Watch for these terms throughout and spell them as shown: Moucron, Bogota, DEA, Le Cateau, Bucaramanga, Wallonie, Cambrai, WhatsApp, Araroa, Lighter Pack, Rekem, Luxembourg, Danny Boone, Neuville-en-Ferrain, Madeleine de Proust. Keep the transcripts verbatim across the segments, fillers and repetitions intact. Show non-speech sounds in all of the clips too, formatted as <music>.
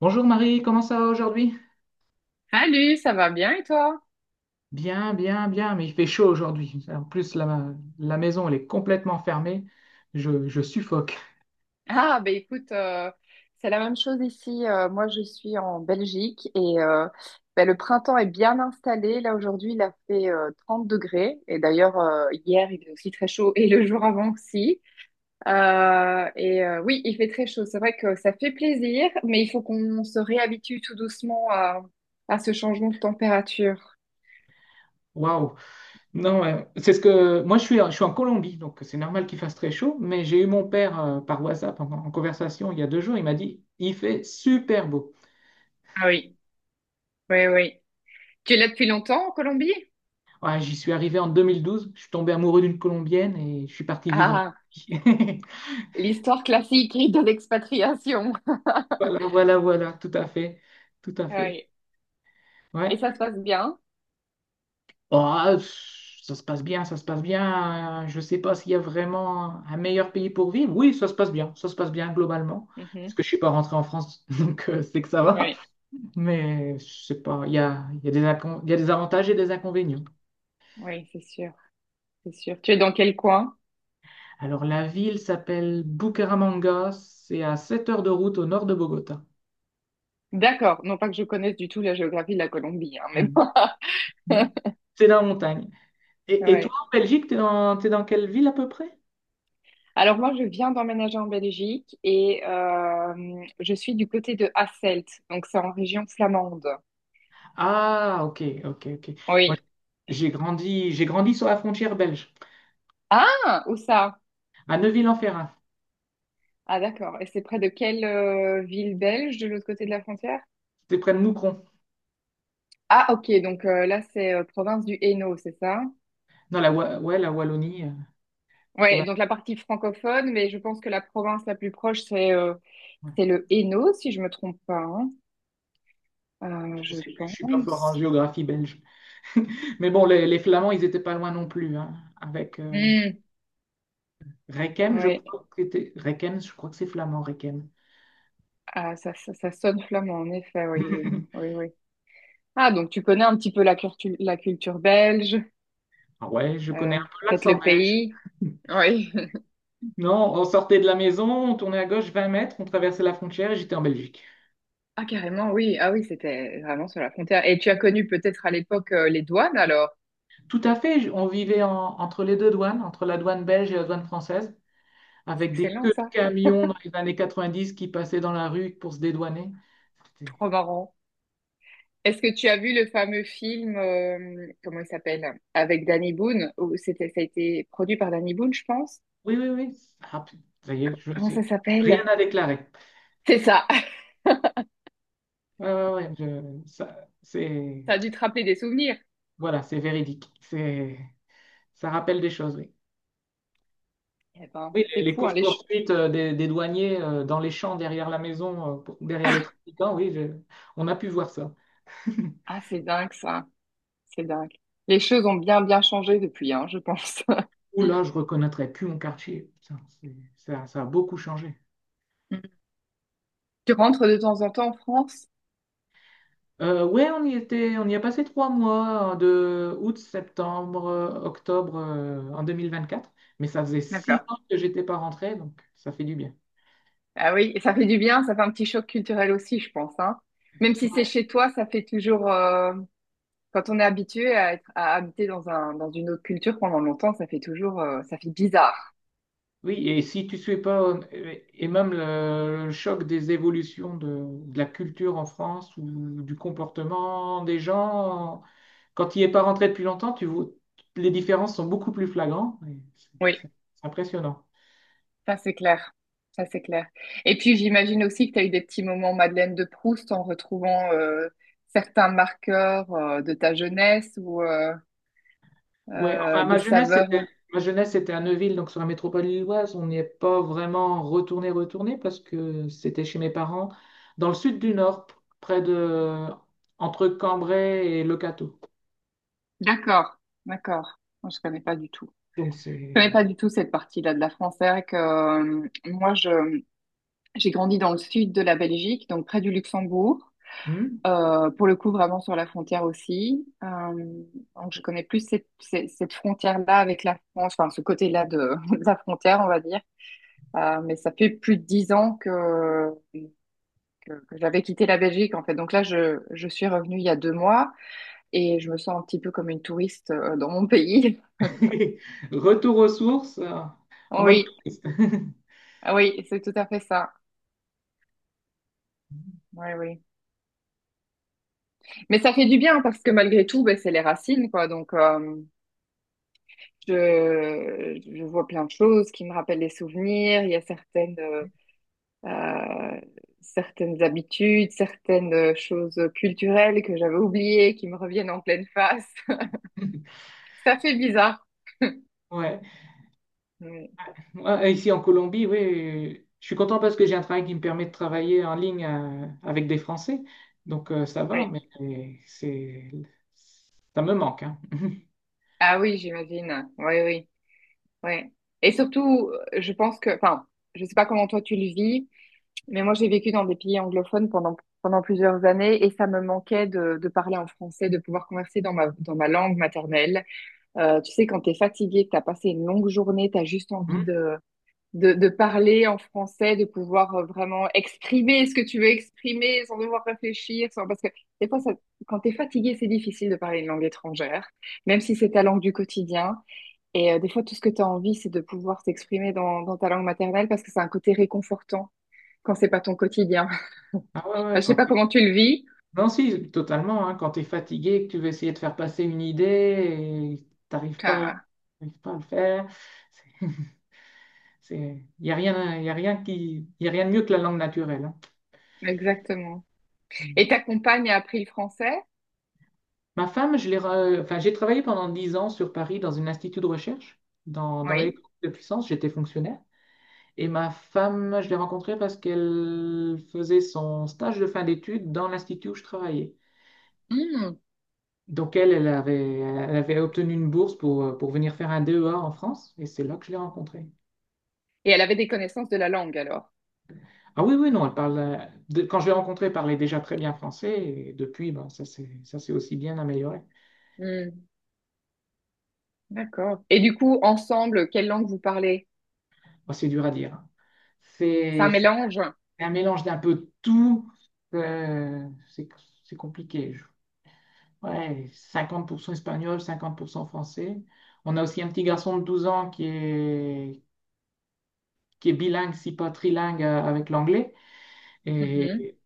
Bonjour Marie, comment ça va aujourd'hui? Salut, ça va bien et toi? Bien, bien, bien, mais il fait chaud aujourd'hui. En plus, la, la maison, elle est complètement fermée. Je, je suffoque. Ah, ben écoute, euh, c'est la même chose ici. Euh, moi, je suis en Belgique et euh, ben, le printemps est bien installé. Là, aujourd'hui, il a fait euh, trente degrés. Et d'ailleurs, euh, hier, il est aussi très chaud et le jour avant aussi. Euh, et euh, oui, il fait très chaud. C'est vrai que ça fait plaisir, mais il faut qu'on se réhabitue tout doucement à, à ce changement de température. Waouh! Non, euh, c'est ce que... Moi, je suis, je suis en Colombie, donc c'est normal qu'il fasse très chaud, mais j'ai eu mon père, euh, par WhatsApp en, en conversation il y a deux jours. Il m'a dit, il fait super beau. Ah oui, oui, oui. Tu es là depuis longtemps en Colombie? Ouais, j'y suis arrivé en deux mille douze. Je suis tombé amoureux d'une Colombienne et je suis parti vivre en Colombie. <laughs> L'histoire classique de l'expatriation. <laughs> Voilà, voilà, voilà, tout à fait, tout à fait. Oui. Et Ouais. ça se passe bien. Ah, ça se passe bien, ça se passe bien. Je ne sais pas s'il y a vraiment un meilleur pays pour vivre. Oui, ça se passe bien, ça se passe bien globalement. Parce Mhm. que je ne suis pas rentré en France, <laughs> donc euh, c'est que ça va. Oui, Mais je sais pas, il y a, il y a des incon- il y a des avantages et des inconvénients. oui, c'est sûr, c'est sûr. Tu es dans quel coin? Alors la ville s'appelle Bucaramanga, c'est à sept heures de route au nord de Bogota. D'accord, non pas que je connaisse du tout la géographie de la Colombie, hein, mais Oui. bon. Mm. <laughs> C'est dans la montagne. Et, et toi, Ouais. en Belgique, t'es dans, t'es dans quelle ville à peu près? Alors moi, je viens d'emménager en Belgique et euh, je suis du côté de Hasselt, donc c'est en région flamande. Ah, ok, ok, ok. Moi, Oui. j'ai grandi, j'ai grandi sur la frontière belge. Ah, où ça? À Neuville-en-Ferrain, Ah, d'accord. Et c'est près de quelle euh, ville belge de l'autre côté de la frontière? c'était près de Moucron, Ah, ok, donc euh, là, c'est euh, province du Hainaut, c'est ça? dans la, Wa- ouais, la Wallonie, euh, Ouais, province. donc la partie francophone, mais je pense que la province la plus proche, c'est euh, Ouais. c'est le Hainaut, si je me trompe pas, hein. Euh, Je Je sais plus, je suis pas fort en pense. géographie belge. <laughs> Mais bon, les, les Flamands, ils étaient pas loin non plus, hein, avec euh, Hmm, Rekem, je ouais, crois que c'était Rekem, je crois que c'est flamand, Rekem. ah, ça, ça, ça sonne flamand, en effet, oui, oui, oui, <laughs> oui. Ah, donc tu connais un petit peu la culture, la culture belge, Ah, Ouais, je connais un euh, peu peut-être l'accent le belge. pays. <laughs> Oui. <laughs> Non, on sortait de la maison, on tournait à gauche vingt mètres, on traversait la frontière et j'étais en Belgique. Ah, carrément, oui. Ah oui, c'était vraiment sur la frontière. Et tu as connu peut-être à l'époque euh, les douanes, alors. Tout à fait, je- on vivait en- entre les deux douanes, entre la douane belge et la douane française, C'est avec des excellent, queues de ça. camions dans les années quatre-vingt-dix qui passaient dans la rue pour se dédouaner. C'était- Trop marrant. Est-ce que tu as vu le fameux film, euh, comment il s'appelle, avec Danny Boone, où c'était, ça a été produit par Danny Boone, je pense. Oui, oui, oui. Ah, pu- ça y est, je Comment ça sais. s'appelle? Rien à déclarer. C'est ça. <laughs> Ouais, ouais, ouais, je- ça, c'est, Ça a dû te rappeler des souvenirs. voilà, c'est véridique. C'est, ça rappelle des choses, oui. Eh ben, Oui, les, c'est les fou, hein, les choses. <laughs> courses-poursuites, euh, des, des douaniers, euh, dans les champs derrière la maison, euh, pour- derrière les Ah, trafiquants, oui, je- on a pu voir ça. <laughs> ah, c'est dingue, ça. C'est dingue. Les choses ont bien, bien changé depuis, hein, je pense. <laughs> Ou là, je ne reconnaîtrais plus mon quartier. Putain, c'est- ça, ça a beaucoup changé. Mm. Tu rentres de temps en temps en France? Euh, ouais, on y était, on y a passé trois mois, hein, de août, septembre, euh, octobre, euh, en deux mille vingt-quatre, mais ça faisait six D'accord. ans que j'étais pas rentré, donc ça fait du bien. Ah oui, et ça fait du bien, ça fait un petit choc culturel aussi, je pense, hein. Même si c'est chez toi, ça fait toujours, euh, Quand on est habitué à être, à habiter dans un, dans une autre culture pendant longtemps, ça fait toujours, euh, ça fait bizarre. Oui, et si tu suis pas, euh, et même le, le choc des évolutions de, de la culture en France ou du comportement des gens, quand tu n'y es pas rentré depuis longtemps, tu vois, les différences sont beaucoup plus flagrantes. Et C'est Oui, c'est- c'est impressionnant. ça c'est clair. Ça c'est clair. Et puis j'imagine aussi que tu as eu des petits moments Madeleine de Proust en retrouvant euh, certains marqueurs euh, de ta jeunesse ou euh, Ouais, euh, enfin, ma des jeunesse, saveurs. c'était, ma jeunesse, c'était à Neuville, donc sur la métropole lilloise. On n'y est pas vraiment retourné, retourné, parce que c'était chez mes parents, dans le sud du Nord, p- près de, entre Cambrai et Le Cateau. D'accord, d'accord. Moi, je connais pas du tout. Donc Je c'est, connais pas du tout cette partie-là de la France. C'est vrai que euh, moi, je, j'ai grandi dans le sud de la Belgique, donc près du Luxembourg. Hmm. Euh, pour le coup, vraiment sur la frontière aussi. Euh, donc, je connais plus cette, cette, cette frontière-là avec la France, enfin, ce côté-là de, <laughs> de la frontière, on va dire. Euh, mais ça fait plus de dix ans que, que, que j'avais quitté la Belgique, en fait. Donc là, je, je suis revenue il y a deux mois et je me sens un petit peu comme une touriste euh, dans mon pays. <laughs> <laughs> Retour aux sources, euh, en mode Oui, touriste. ah oui, c'est tout à fait ça. Oui, oui. Mais ça fait du bien parce que malgré tout, ben, c'est les racines, quoi. Donc, euh, Je, je vois plein de choses qui me rappellent les souvenirs. Il y a certaines, euh, euh, certaines habitudes, certaines euh, choses culturelles que j'avais oubliées qui me reviennent en pleine face. <laughs> <laughs> Ça fait bizarre. Ouais. Oui. Moi, ici en Colombie, oui, je suis content parce que j'ai un travail qui me permet de travailler en ligne, euh, avec des Français. Donc euh, ça va, Oui. mais c'est ça me manque, hein. <laughs> Ah oui, j'imagine. Oui, oui, oui. Et surtout, euh, je pense que, enfin, je sais pas comment toi tu le vis, mais moi j'ai vécu dans des pays anglophones pendant pendant plusieurs années et ça me manquait de, de parler en français, de pouvoir converser dans ma dans ma langue maternelle. Euh, tu sais, quand tu es fatigué, que tu as passé une longue journée, tu as juste Hmm. envie de, de, de parler en français, de pouvoir euh, vraiment exprimer ce que tu veux exprimer sans devoir réfléchir. Sans... Parce que des fois, ça- quand tu es fatigué, c'est difficile de parler une langue étrangère, même si c'est ta langue du quotidien. Et euh, des fois, tout ce que tu as envie, c'est de pouvoir t'exprimer dans, dans ta langue maternelle parce que c'est un côté réconfortant quand c'est pas ton quotidien. Ah, ouais, <laughs> Je ouais, sais quand pas t'es- comment tu le vis. Non, si, totalement, hein, quand tu es fatigué, que tu veux essayer de faire passer une idée et t'arrives pas, Ah, t'arrives pas à le faire, c'est, <laughs> il y a rien, y a rien qui, y a rien de mieux que la langue naturelle, exactement. hein. Et ta compagne a appris le français? Ma femme, je l'ai re- enfin, j'ai travaillé pendant dix ans sur Paris dans un institut de recherche, dans, dans Oui. l'électronique de puissance, j'étais fonctionnaire. Et ma femme, je l'ai rencontrée parce qu'elle faisait son stage de fin d'études dans l'institut où je travaillais. Donc elle, elle avait, elle avait obtenu une bourse pour, euh, pour venir faire un D E A en France, et c'est là que je l'ai rencontrée. Et elle avait des connaissances de la langue alors. Ah oui, oui, non, elle parle, euh, de- quand je l'ai rencontrée, elle parlait déjà très bien français, et depuis, ben, ça s'est ça s'est aussi bien amélioré. Hmm, d'accord. Et du coup, ensemble, quelle langue vous parlez? Bon, c'est dur à dire, hein. C'est un C'est mélange? un mélange d'un peu de tout. euh, c'est c'est compliqué. Je- Ouais, cinquante pour cent espagnol, cinquante pour cent français. On a aussi un petit garçon de douze ans qui est, qui est bilingue, si pas trilingue, euh, avec l'anglais. Mhm, Et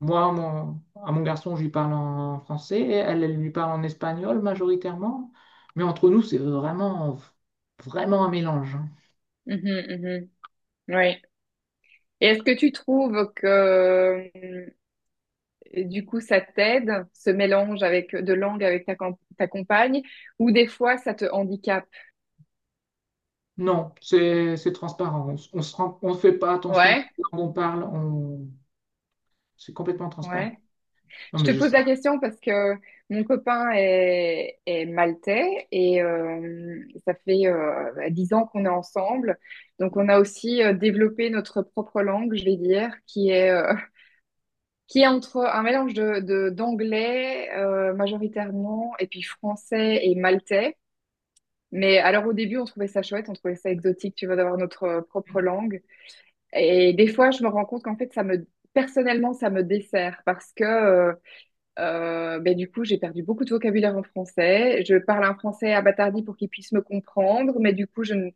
moi, mon- à mon garçon, je lui parle en français. Et Elle, elle lui parle en espagnol majoritairement. Mais entre nous, c'est vraiment, vraiment un mélange, hein. mhm, mhm. Ouais. Et est-ce que tu trouves que euh, du coup ça t'aide, ce mélange avec de langue avec ta, com- ta compagne, ou des fois ça te handicape? Non, c'est c'est transparent. On, s- se rend- on fait pas attention Ouais, quand on parle. On, c'est complètement transparent. ouais. Non, Je mais te pose juste, la question parce que mon copain est, est maltais et euh, ça fait euh, dix ans qu'on est ensemble. Donc on a aussi euh, développé notre propre langue, je vais dire, qui est, euh, <laughs> qui est entre un mélange de, de- d'anglais euh, majoritairement et puis français et maltais. Mais alors au début, on trouvait ça chouette, on trouvait ça exotique, tu vois, d'avoir notre propre langue. Et des fois, je me rends compte qu'en fait, ça me, personnellement, ça me dessert parce que... euh, euh, ben, du coup, j'ai perdu beaucoup de vocabulaire en français. Je parle un français abattardi pour qu'ils puissent me comprendre, mais du coup, je ne...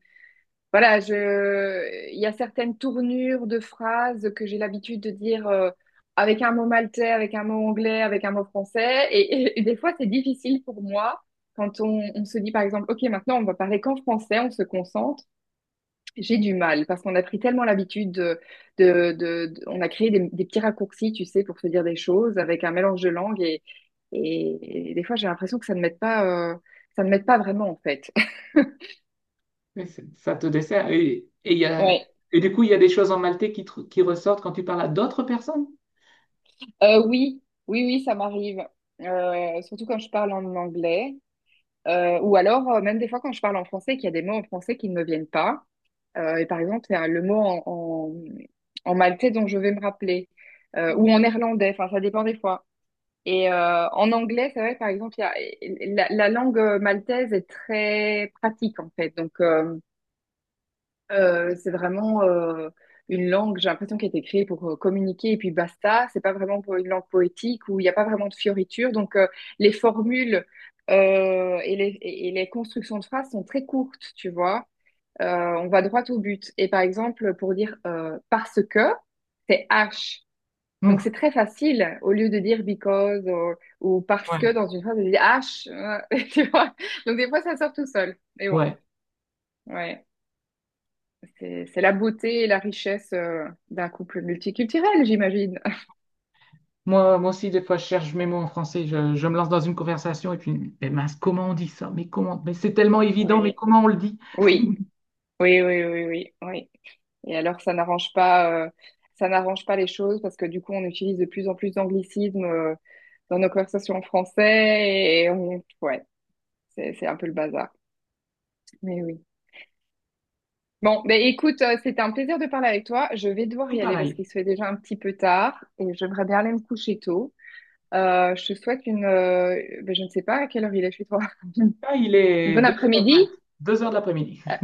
voilà, je... il y a certaines tournures de phrases que j'ai l'habitude de dire euh, avec un mot maltais, avec un mot anglais, avec un mot français. Et, et des fois, c'est difficile pour moi quand on, on se dit, par exemple, OK, maintenant, on va parler qu'en français, on se concentre. J'ai du mal parce qu'on a pris tellement l'habitude de, de, de- de- on a créé des, des petits raccourcis, tu sais, pour se dire des choses avec un mélange de langues et, et, et des fois j'ai l'impression que ça ne m'aide pas, euh, ça ne m'aide pas vraiment en fait. <laughs> oui, c'est- ça te dessert. Et, et il y a, Ouais. et du coup, il y a des choses en maltais qui, tr- qui ressortent quand tu parles à d'autres personnes? Euh, oui, oui, oui, ça m'arrive. Euh, surtout quand je parle en anglais. Euh, ou alors euh, même des fois quand je parle en français, qu'il y a des mots en français qui ne me viennent pas. Euh, et par exemple, c'est un- le mot en, en, en maltais dont je vais me rappeler, euh, ou en néerlandais, enfin, ça dépend des fois. Et euh, en anglais, c'est vrai, par exemple, il y a, la, la langue euh, maltaise est très pratique, en fait. Donc, euh, euh, c'est vraiment euh, une langue, j'ai l'impression, qui a été créée pour euh, communiquer et puis basta. C'est pas vraiment pour une langue poétique où il n'y a pas vraiment de fioritures. Donc, euh, les formules euh, et les, et les constructions de phrases sont très courtes, tu vois. Euh, on va droit au but. Et par exemple, pour dire euh, parce que, c'est H. Donc Ouh, c'est très facile, au lieu de dire because ou, ou parce que ouais, dans une phrase, de dire H, <laughs> tu vois. Donc des fois, ça sort tout seul. Mais bon, ouais. ouais. C'est c'est la beauté et la richesse euh, d'un couple multiculturel, j'imagine. Moi, moi aussi, des fois, je cherche mes mots en français. Je, je me lance dans une conversation et puis, mais mince, comment on dit ça? Mais comment? Mais c'est tellement évident, mais Oui, comment on le dit? oui, oui, oui, oui, oui, oui. Et alors, ça n'arrange pas, euh, ça n'arrange pas les choses parce que du coup, on utilise de plus en plus d'anglicismes euh, dans nos conversations en français et on- ouais, c'est c'est un peu le bazar. Mais oui. Bon, ben écoute, euh, c'était un plaisir de parler avec toi. Je vais devoir Tout y aller parce pareil. qu'il se fait déjà un petit peu tard et j'aimerais bien aller me coucher tôt. Euh, je te souhaite une, euh, ben, je ne sais pas à quelle heure il est chez toi. Là, il Une est bonne deux heures vingt, après-midi? deux heures de l'après-midi. Euh,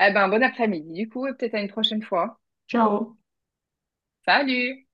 Eh ben, bon après-midi du coup et peut-être à une prochaine fois. Ciao! Salut!